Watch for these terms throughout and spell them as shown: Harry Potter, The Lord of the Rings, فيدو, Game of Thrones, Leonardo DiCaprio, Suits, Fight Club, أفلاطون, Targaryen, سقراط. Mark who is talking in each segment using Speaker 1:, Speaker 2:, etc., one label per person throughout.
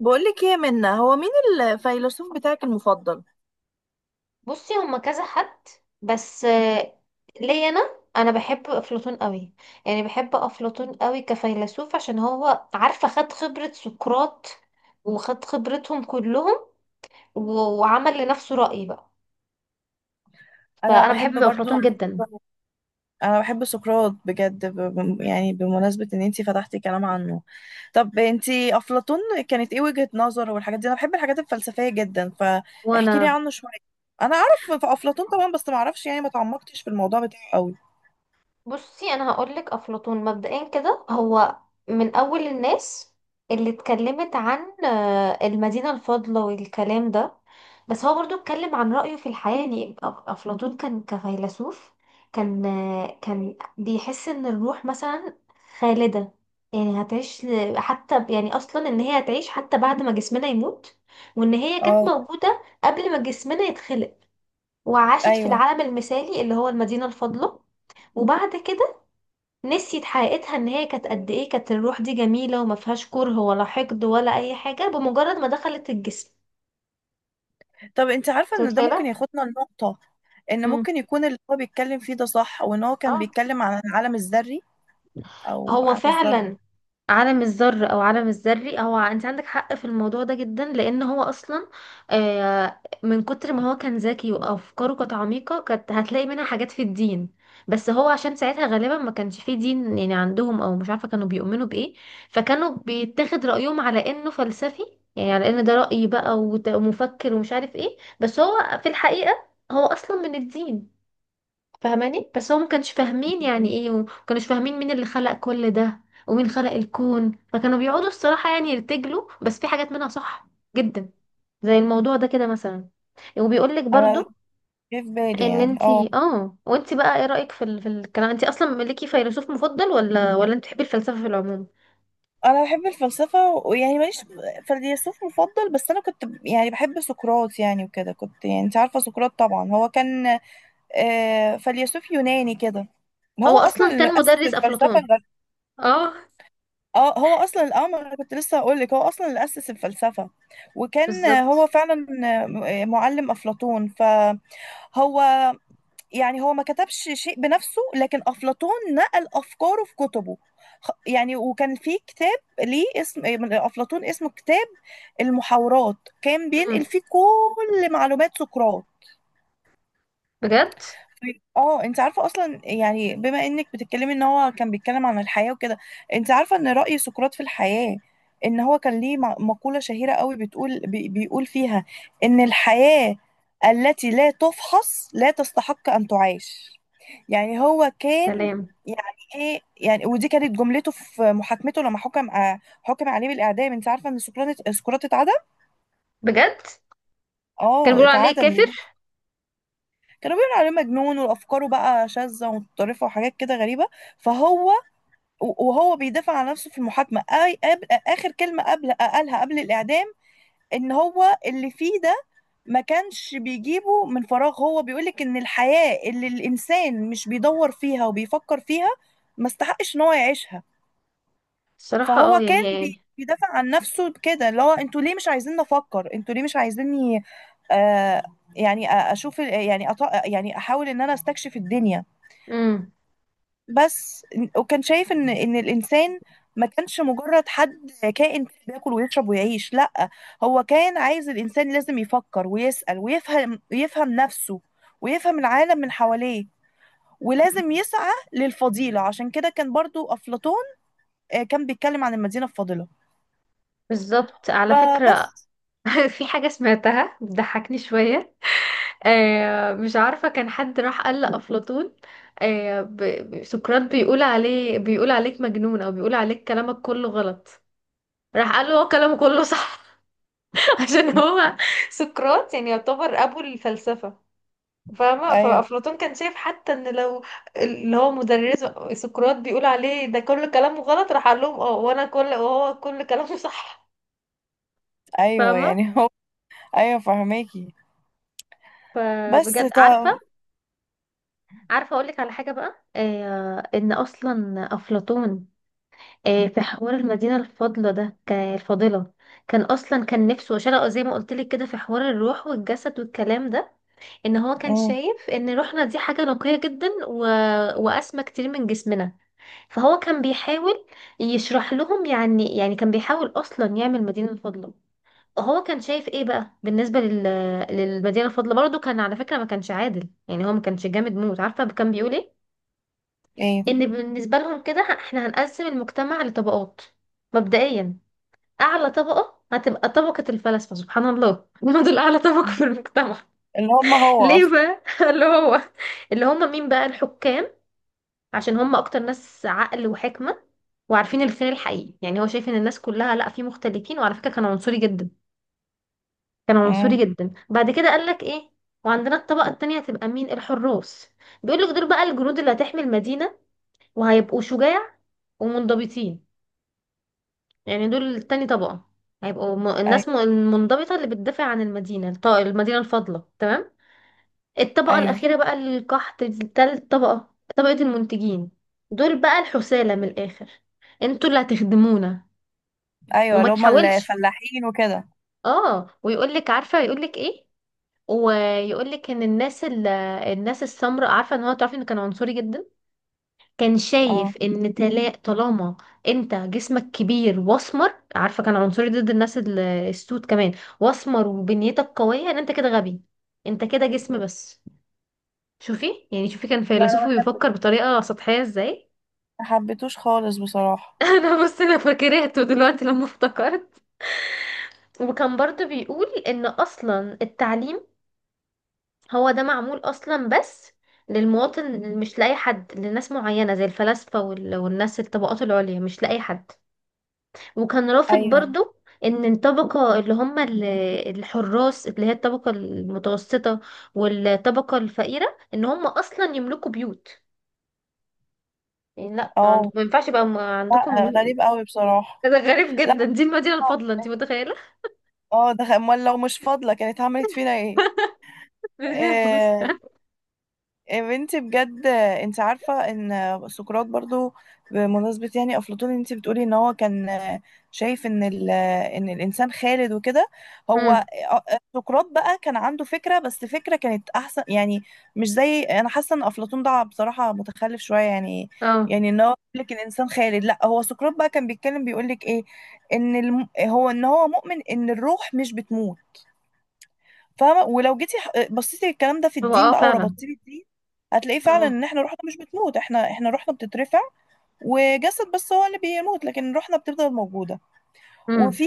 Speaker 1: بقولك ايه، منا هو مين الفيلسوف بتاعك المفضل؟
Speaker 2: بصي هما كذا حد، بس ليا انا. بحب افلاطون قوي، يعني بحب افلاطون قوي كفيلسوف عشان هو عارفه خد خبره سقراط وخد خبرتهم كلهم وعمل لنفسه رأي بقى.
Speaker 1: انا
Speaker 2: فانا
Speaker 1: بحب
Speaker 2: بحب
Speaker 1: برضو.
Speaker 2: افلاطون جدا.
Speaker 1: انا بحب سقراط بجد، يعني بمناسبة ان انتي فتحتي كلام عنه. طب انتي افلاطون، كانت ايه وجهة نظره والحاجات دي؟ انا بحب الحاجات الفلسفية جدا، فاحكي لي
Speaker 2: وانا
Speaker 1: عنه شوية. انا اعرف في افلاطون طبعا، بس ما اعرفش، يعني ما تعمقتش في الموضوع بتاعه قوي.
Speaker 2: بصي انا هقولك افلاطون مبدئيا كده هو من اول الناس اللي اتكلمت عن المدينة الفاضلة والكلام ده. بس هو برضو اتكلم عن رأيه في الحياة. يعني افلاطون كان كفيلسوف، كان بيحس ان الروح مثلا خالدة، يعني هتعيش يعني اصلا ان هي هتعيش حتى بعد ما جسمنا يموت، وان هي كانت
Speaker 1: اه.
Speaker 2: موجودة قبل ما جسمنا يتخلق، وعاشت في
Speaker 1: ايوه.
Speaker 2: العالم المثالي اللي هو المدينة الفاضلة. وبعد كده نسيت حقيقتها ان هي كانت قد ايه، كانت الروح دي جميلة وما فيهاش كره ولا حقد ولا اي حاجة بمجرد ما دخلت الجسم.
Speaker 1: طب انت عارفه
Speaker 2: انت
Speaker 1: ان ده
Speaker 2: متخيلة؟
Speaker 1: ممكن ياخدنا لنقطه، ان
Speaker 2: امم،
Speaker 1: ممكن يكون اللي هو بيتكلم فيه ده صح، وان هو كان
Speaker 2: اه.
Speaker 1: بيتكلم عن العالم الذري او
Speaker 2: هو
Speaker 1: عالم الذره.
Speaker 2: فعلا عالم الذر او عالم الذري، هو انت عندك حق في الموضوع ده جدا، لان هو اصلا من كتر ما هو كان ذكي وافكاره كانت عميقه كانت هتلاقي منها حاجات في الدين. بس هو عشان ساعتها غالبا ما كانش فيه دين يعني عندهم، او مش عارفه كانوا بيؤمنوا بايه، فكانوا بيتاخد رايهم على انه فلسفي، يعني على ان ده راي بقى ومفكر ومش عارف ايه. بس هو في الحقيقه هو اصلا من الدين، فاهماني؟ بس هو ما كانش فاهمين يعني ايه وما كانوش فاهمين مين اللي خلق كل ده ومين خلق الكون، فكانوا بيقعدوا الصراحة يعني يرتجلوا، بس في حاجات منها صح جدا زي الموضوع ده كده مثلا. وبيقول لك
Speaker 1: انا
Speaker 2: برضو
Speaker 1: جه في بالي،
Speaker 2: ان
Speaker 1: يعني اه،
Speaker 2: انتي اه، وانتي بقى ايه رأيك في في الكلام، انتي اصلا ليكي فيلسوف مفضل ولا انت بتحبي الفلسفة في العموم؟
Speaker 1: انا بحب الفلسفه، ويعني ماليش فيلسوف مفضل، بس انا كنت، يعني بحب سقراط. يعني وكده، كنت يعني، انت عارفه سقراط طبعا، هو كان فيلسوف يوناني كده.
Speaker 2: هو
Speaker 1: هو اصلا
Speaker 2: اصلا
Speaker 1: اللي
Speaker 2: كان
Speaker 1: اسس
Speaker 2: مدرس
Speaker 1: الفلسفه
Speaker 2: افلاطون. اه.
Speaker 1: اه، هو اصلا، ما انا كنت لسه هقول لك، هو اصلا اللي اسس الفلسفه، وكان، هو
Speaker 2: بالظبط.
Speaker 1: فعلا، معلم افلاطون. فهو يعني هو ما كتبش شيء بنفسه، لكن أفلاطون نقل أفكاره في كتبه. يعني وكان في كتاب ليه اسم إيه، من أفلاطون، اسمه كتاب المحاورات، كان بينقل
Speaker 2: امم.
Speaker 1: فيه كل معلومات سقراط.
Speaker 2: بجد.
Speaker 1: اه، انت عارفه اصلا، يعني بما انك بتتكلمي ان هو كان بيتكلم عن الحياه وكده، انت عارفه ان راي سقراط في الحياه؟ ان هو كان ليه مقوله شهيره قوي، بتقول، بيقول فيها ان الحياه التي لا تفحص لا تستحق ان تعاش. يعني هو كان،
Speaker 2: سلام.
Speaker 1: يعني ايه يعني، ودي كانت جملته في محاكمته لما حكم عليه بالاعدام. انت عارفه ان سقراط اتعدم؟
Speaker 2: بجد كان
Speaker 1: اه،
Speaker 2: بيقولوا عليه
Speaker 1: اتعدم.
Speaker 2: كافر.
Speaker 1: كانوا بيقولوا عليه مجنون، وافكاره بقى شاذه ومتطرفه وحاجات كده غريبه. فهو وهو بيدافع عن نفسه في المحاكمه، آي قبل اخر كلمه قبل قالها قبل الاعدام، ان هو اللي فيه ده ما كانش بيجيبه من فراغ، هو بيقولك ان الحياه اللي الانسان مش بيدور فيها وبيفكر فيها، ما استحقش ان هو يعيشها.
Speaker 2: الصراحة اه
Speaker 1: فهو كان
Speaker 2: يعني.
Speaker 1: بيدافع عن نفسه كده، اللي هو انتوا ليه مش عايزين نفكر، انتوا ليه مش عايزيني، آه يعني، اشوف يعني، يعني احاول ان انا استكشف الدنيا
Speaker 2: امم.
Speaker 1: بس. وكان شايف ان الانسان ما كانش مجرد حد كائن بياكل ويشرب ويعيش، لا، هو كان عايز الانسان لازم يفكر ويسأل ويفهم، يفهم نفسه ويفهم العالم من حواليه. ولازم يسعى للفضيلة، عشان كده كان برضو أفلاطون كان بيتكلم عن المدينة الفاضلة.
Speaker 2: بالظبط، على فكرة.
Speaker 1: فبس.
Speaker 2: في حاجة سمعتها بتضحكني شوية. آه مش عارفة، كان حد راح قال لأفلاطون سقراط بيقول عليه، بيقول عليك مجنون أو بيقول عليك كلامك كله غلط، راح قال له هو كلامه كله صح. عشان هو سقراط يعني يعتبر أبو الفلسفة، فاهمة؟
Speaker 1: ايوه.
Speaker 2: فأفلاطون كان شايف حتى إن لو اللي هو مدرسه سقراط بيقول عليه ده كل كلامه غلط، راح قال لهم اه، وأنا وهو كل كلامه صح،
Speaker 1: ايوه،
Speaker 2: فاهمة؟
Speaker 1: يعني هو. ايوه فهماكي. بس
Speaker 2: فبجد عارفة،
Speaker 1: طب.
Speaker 2: عارفه اقول لك على حاجه بقى، آه ان اصلا افلاطون آه في حوار المدينه الفاضله ده، كان الفاضله كان اصلا كان نفسه شرقه زي ما قلت لك كده في حوار الروح والجسد والكلام ده، ان هو كان
Speaker 1: مم.
Speaker 2: شايف ان روحنا دي حاجه نقيه جدا واسمى كتير من جسمنا. فهو كان بيحاول يشرح لهم، يعني كان بيحاول اصلا يعمل مدينه الفاضله. هو كان شايف ايه بقى بالنسبه للمدينه الفاضله؟ برضه كان على فكره ما كانش عادل، يعني هو ما كانش جامد موت. عارفه كان بيقول ايه؟
Speaker 1: ايه،
Speaker 2: ان بالنسبه لهم كده احنا هنقسم المجتمع لطبقات. مبدئيا اعلى طبقه هتبقى طبقه الفلاسفه، سبحان الله. هم دول اعلى طبقه في المجتمع.
Speaker 1: اللي هم هو
Speaker 2: ليه
Speaker 1: اصلا.
Speaker 2: بقى؟ اللي هو اللي هم مين بقى؟ الحكام، عشان هم اكتر ناس عقل وحكمه وعارفين الخير الحقيقي. يعني هو شايف ان الناس كلها لا، في مختلفين. وعلى فكره كان عنصري جدا. كان عنصري
Speaker 1: مم.
Speaker 2: جدا. بعد كده قال لك ايه، وعندنا الطبقه التانية هتبقى مين؟ الحراس. بيقول لك دول بقى الجنود اللي هتحمي المدينه، وهيبقوا شجاع ومنضبطين. يعني دول تاني طبقة، هيبقوا
Speaker 1: ايوه.
Speaker 2: الناس المنضبطة اللي بتدافع عن المدينة المدينة الفاضلة، تمام. الطبقة
Speaker 1: ايوه.
Speaker 2: الأخيرة بقى القحط، دي تالت طبقة، طبقة المنتجين. دول بقى الحثالة من الآخر، انتوا اللي هتخدمونا
Speaker 1: ايوه،
Speaker 2: وما
Speaker 1: اللي هما
Speaker 2: تحاولش.
Speaker 1: الفلاحين وكده.
Speaker 2: اه ويقولك عارفة، يقولك ايه، ويقولك ان الناس الناس السمراء، عارفة ان هو تعرفي انه كان عنصري جدا. كان
Speaker 1: اه.
Speaker 2: شايف ان طالما انت جسمك كبير واسمر، عارفه كان عنصري ضد الناس السود كمان، واسمر وبنيتك قويه ان انت كده غبي، انت كده جسم بس. شوفي يعني شوفي كان
Speaker 1: لا، انا
Speaker 2: فيلسوف بيفكر بطريقه سطحيه ازاي.
Speaker 1: ما حبيتوش خالص بصراحه.
Speaker 2: انا بص انا فاكرته دلوقتي لما افتكرت. وكان برضو بيقول ان اصلا التعليم هو ده معمول اصلا بس للمواطن، مش لاي حد، لناس معينه زي الفلاسفه والناس الطبقات العليا، مش لاي حد. وكان رافض
Speaker 1: ايوه.
Speaker 2: برضو ان الطبقة اللي هم الحراس اللي هي الطبقة المتوسطة والطبقة الفقيرة ان هم اصلا يملكوا بيوت. يعني لا،
Speaker 1: اه.
Speaker 2: ما ينفعش يبقى عندكم
Speaker 1: لا، غريب قوي بصراحه.
Speaker 2: ده غريب
Speaker 1: لا.
Speaker 2: جدا، دي المدينة
Speaker 1: اه.
Speaker 2: الفاضلة، انت متخيلة؟
Speaker 1: ده امال لو مش فاضله كانت عملت فينا ايه؟
Speaker 2: مدينة مش.
Speaker 1: آه. يا بنتي بجد، انت عارفة ان سقراط برضو، بمناسبة يعني افلاطون، انت بتقولي ان هو كان شايف ان الانسان خالد وكده.
Speaker 2: امم.
Speaker 1: هو سقراط بقى كان عنده فكرة، بس فكرة كانت احسن يعني، مش زي، انا حاسة ان افلاطون ده بصراحة متخلف شوية يعني.
Speaker 2: اه.
Speaker 1: يعني ان هو بيقول لك الانسان خالد، لا، هو سقراط بقى كان بيتكلم، بيقول لك ايه، ان هو ان هو مؤمن ان الروح مش بتموت. فاهمه؟ ولو جيتي بصيتي الكلام ده في
Speaker 2: هو
Speaker 1: الدين
Speaker 2: اه
Speaker 1: بقى،
Speaker 2: فعلا.
Speaker 1: وربطتيه بالدين، هتلاقيه فعلا
Speaker 2: اه.
Speaker 1: ان احنا روحنا مش بتموت، احنا روحنا بتترفع، وجسد بس هو اللي بيموت، لكن روحنا بتفضل موجوده.
Speaker 2: امم.
Speaker 1: وفي،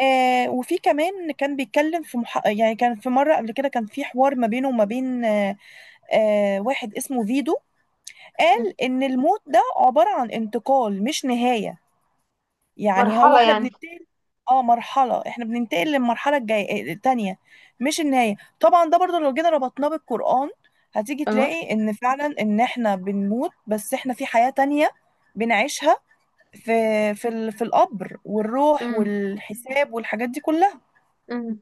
Speaker 1: وفي كمان كان بيتكلم في يعني، كان في مرة قبل كده كان في حوار ما بينه وما بين، واحد اسمه فيدو، قال إن الموت ده عبارة عن انتقال مش نهاية، يعني هو
Speaker 2: مرحلة
Speaker 1: احنا
Speaker 2: يعني.
Speaker 1: بننتقل. اه، مرحلة، احنا بننتقل للمرحلة الجاية، التانية، مش النهاية طبعا. ده برضو لو جينا ربطناه بالقرآن، هتيجي
Speaker 2: اه.
Speaker 1: تلاقي ان فعلا ان احنا بنموت، بس احنا في حياة تانية بنعيشها، في، في القبر والروح
Speaker 2: امم.
Speaker 1: والحساب والحاجات دي كلها.
Speaker 2: امم.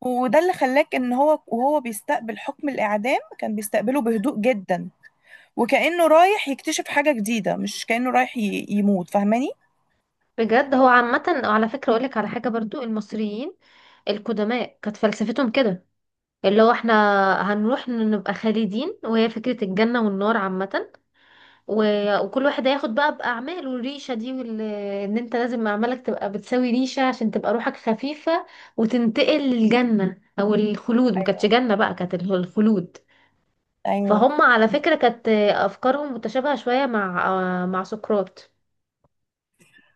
Speaker 1: وده اللي خلاك، ان هو وهو بيستقبل حكم الاعدام، كان بيستقبله بهدوء جدا، وكأنه رايح يكتشف حاجة جديدة مش كأنه يموت. فاهماني؟
Speaker 2: بجد هو عامة على فكرة اقولك على حاجة برضو، المصريين القدماء كانت فلسفتهم كده، اللي هو احنا هنروح نبقى خالدين، وهي فكرة الجنة والنار عامة. وكل واحد هياخد بقى بأعماله، الريشة دي ان انت لازم أعمالك تبقى بتساوي ريشة عشان تبقى روحك خفيفة وتنتقل للجنة أو الخلود. ما كانتش
Speaker 1: ايوه.
Speaker 2: جنة بقى، كانت الخلود.
Speaker 1: ايوه.
Speaker 2: فهم على فكرة كانت أفكارهم متشابهة شوية مع سقراط.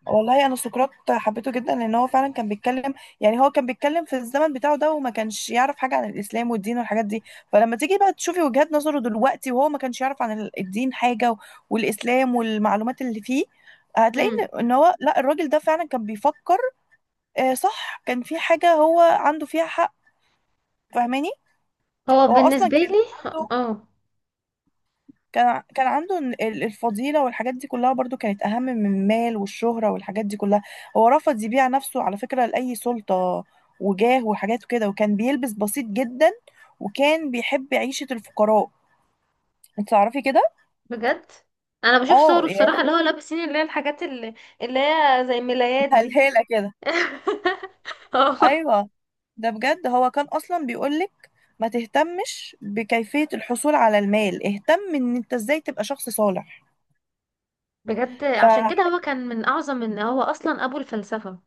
Speaker 1: والله انا سقراط حبيته جدا، لان هو فعلا كان بيتكلم، يعني هو كان بيتكلم في الزمن بتاعه ده، وما كانش يعرف حاجه عن الاسلام والدين والحاجات دي. فلما تيجي بقى تشوفي وجهات نظره دلوقتي، وهو ما كانش يعرف عن الدين حاجه، والاسلام والمعلومات اللي فيه، هتلاقي
Speaker 2: امم.
Speaker 1: ان هو، لا، الراجل ده فعلا كان بيفكر، صح، كان في حاجه هو عنده فيها حق. فاهماني؟
Speaker 2: هو
Speaker 1: هو اصلا
Speaker 2: بالنسبة
Speaker 1: كان
Speaker 2: لي
Speaker 1: عنده،
Speaker 2: اه.
Speaker 1: كان عنده الفضيلة، والحاجات دي كلها برضو كانت أهم من المال والشهرة والحاجات دي كلها. هو رفض يبيع نفسه على فكرة لأي سلطة وجاه وحاجات كده، وكان بيلبس بسيط جدا، وكان بيحب عيشة الفقراء. انت تعرفي كده؟
Speaker 2: بجد أنا بشوف
Speaker 1: اه،
Speaker 2: صوره
Speaker 1: يعني.
Speaker 2: الصراحة اللي هو لابسين، اللي هي الحاجات اللي، اللي هي زي ملايات دي.
Speaker 1: هلهالة كده.
Speaker 2: اه
Speaker 1: ايوه. ده بجد، هو كان اصلا بيقولك ما تهتمش بكيفية الحصول على المال، اهتم ان انت ازاي تبقى شخص صالح.
Speaker 2: بجد عشان كده
Speaker 1: فحقيقي.
Speaker 2: هو كان من اعظم، ان هو اصلا ابو الفلسفة.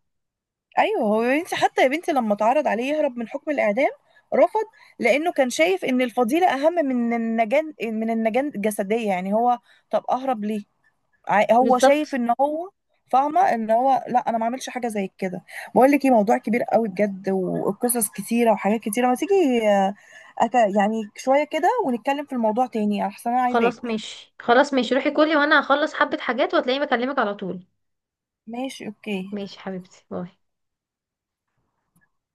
Speaker 1: ايوه، هو يا بنتي، حتى يا بنتي لما اتعرض عليه يهرب من حكم الاعدام رفض، لانه كان شايف ان الفضيله اهم من النجان الجسديه، يعني هو، طب اهرب ليه؟ هو شايف
Speaker 2: بالظبط.
Speaker 1: ان هو، فاهمه، ان هو، لا، انا ما اعملش حاجه زي كده. بقول لك ايه، موضوع كبير قوي بجد، وقصص كتيره وحاجات كتيره، ما تيجي آه، يعني شويه كده، ونتكلم في الموضوع تاني احسن، انا عايزه
Speaker 2: خلاص
Speaker 1: اكل.
Speaker 2: ماشي، خلاص ماشي، روحي كلي وانا هخلص حبة حاجات وهتلاقيني بكلمك على طول.
Speaker 1: ماشي، اوكي.
Speaker 2: ماشي حبيبتي، باي.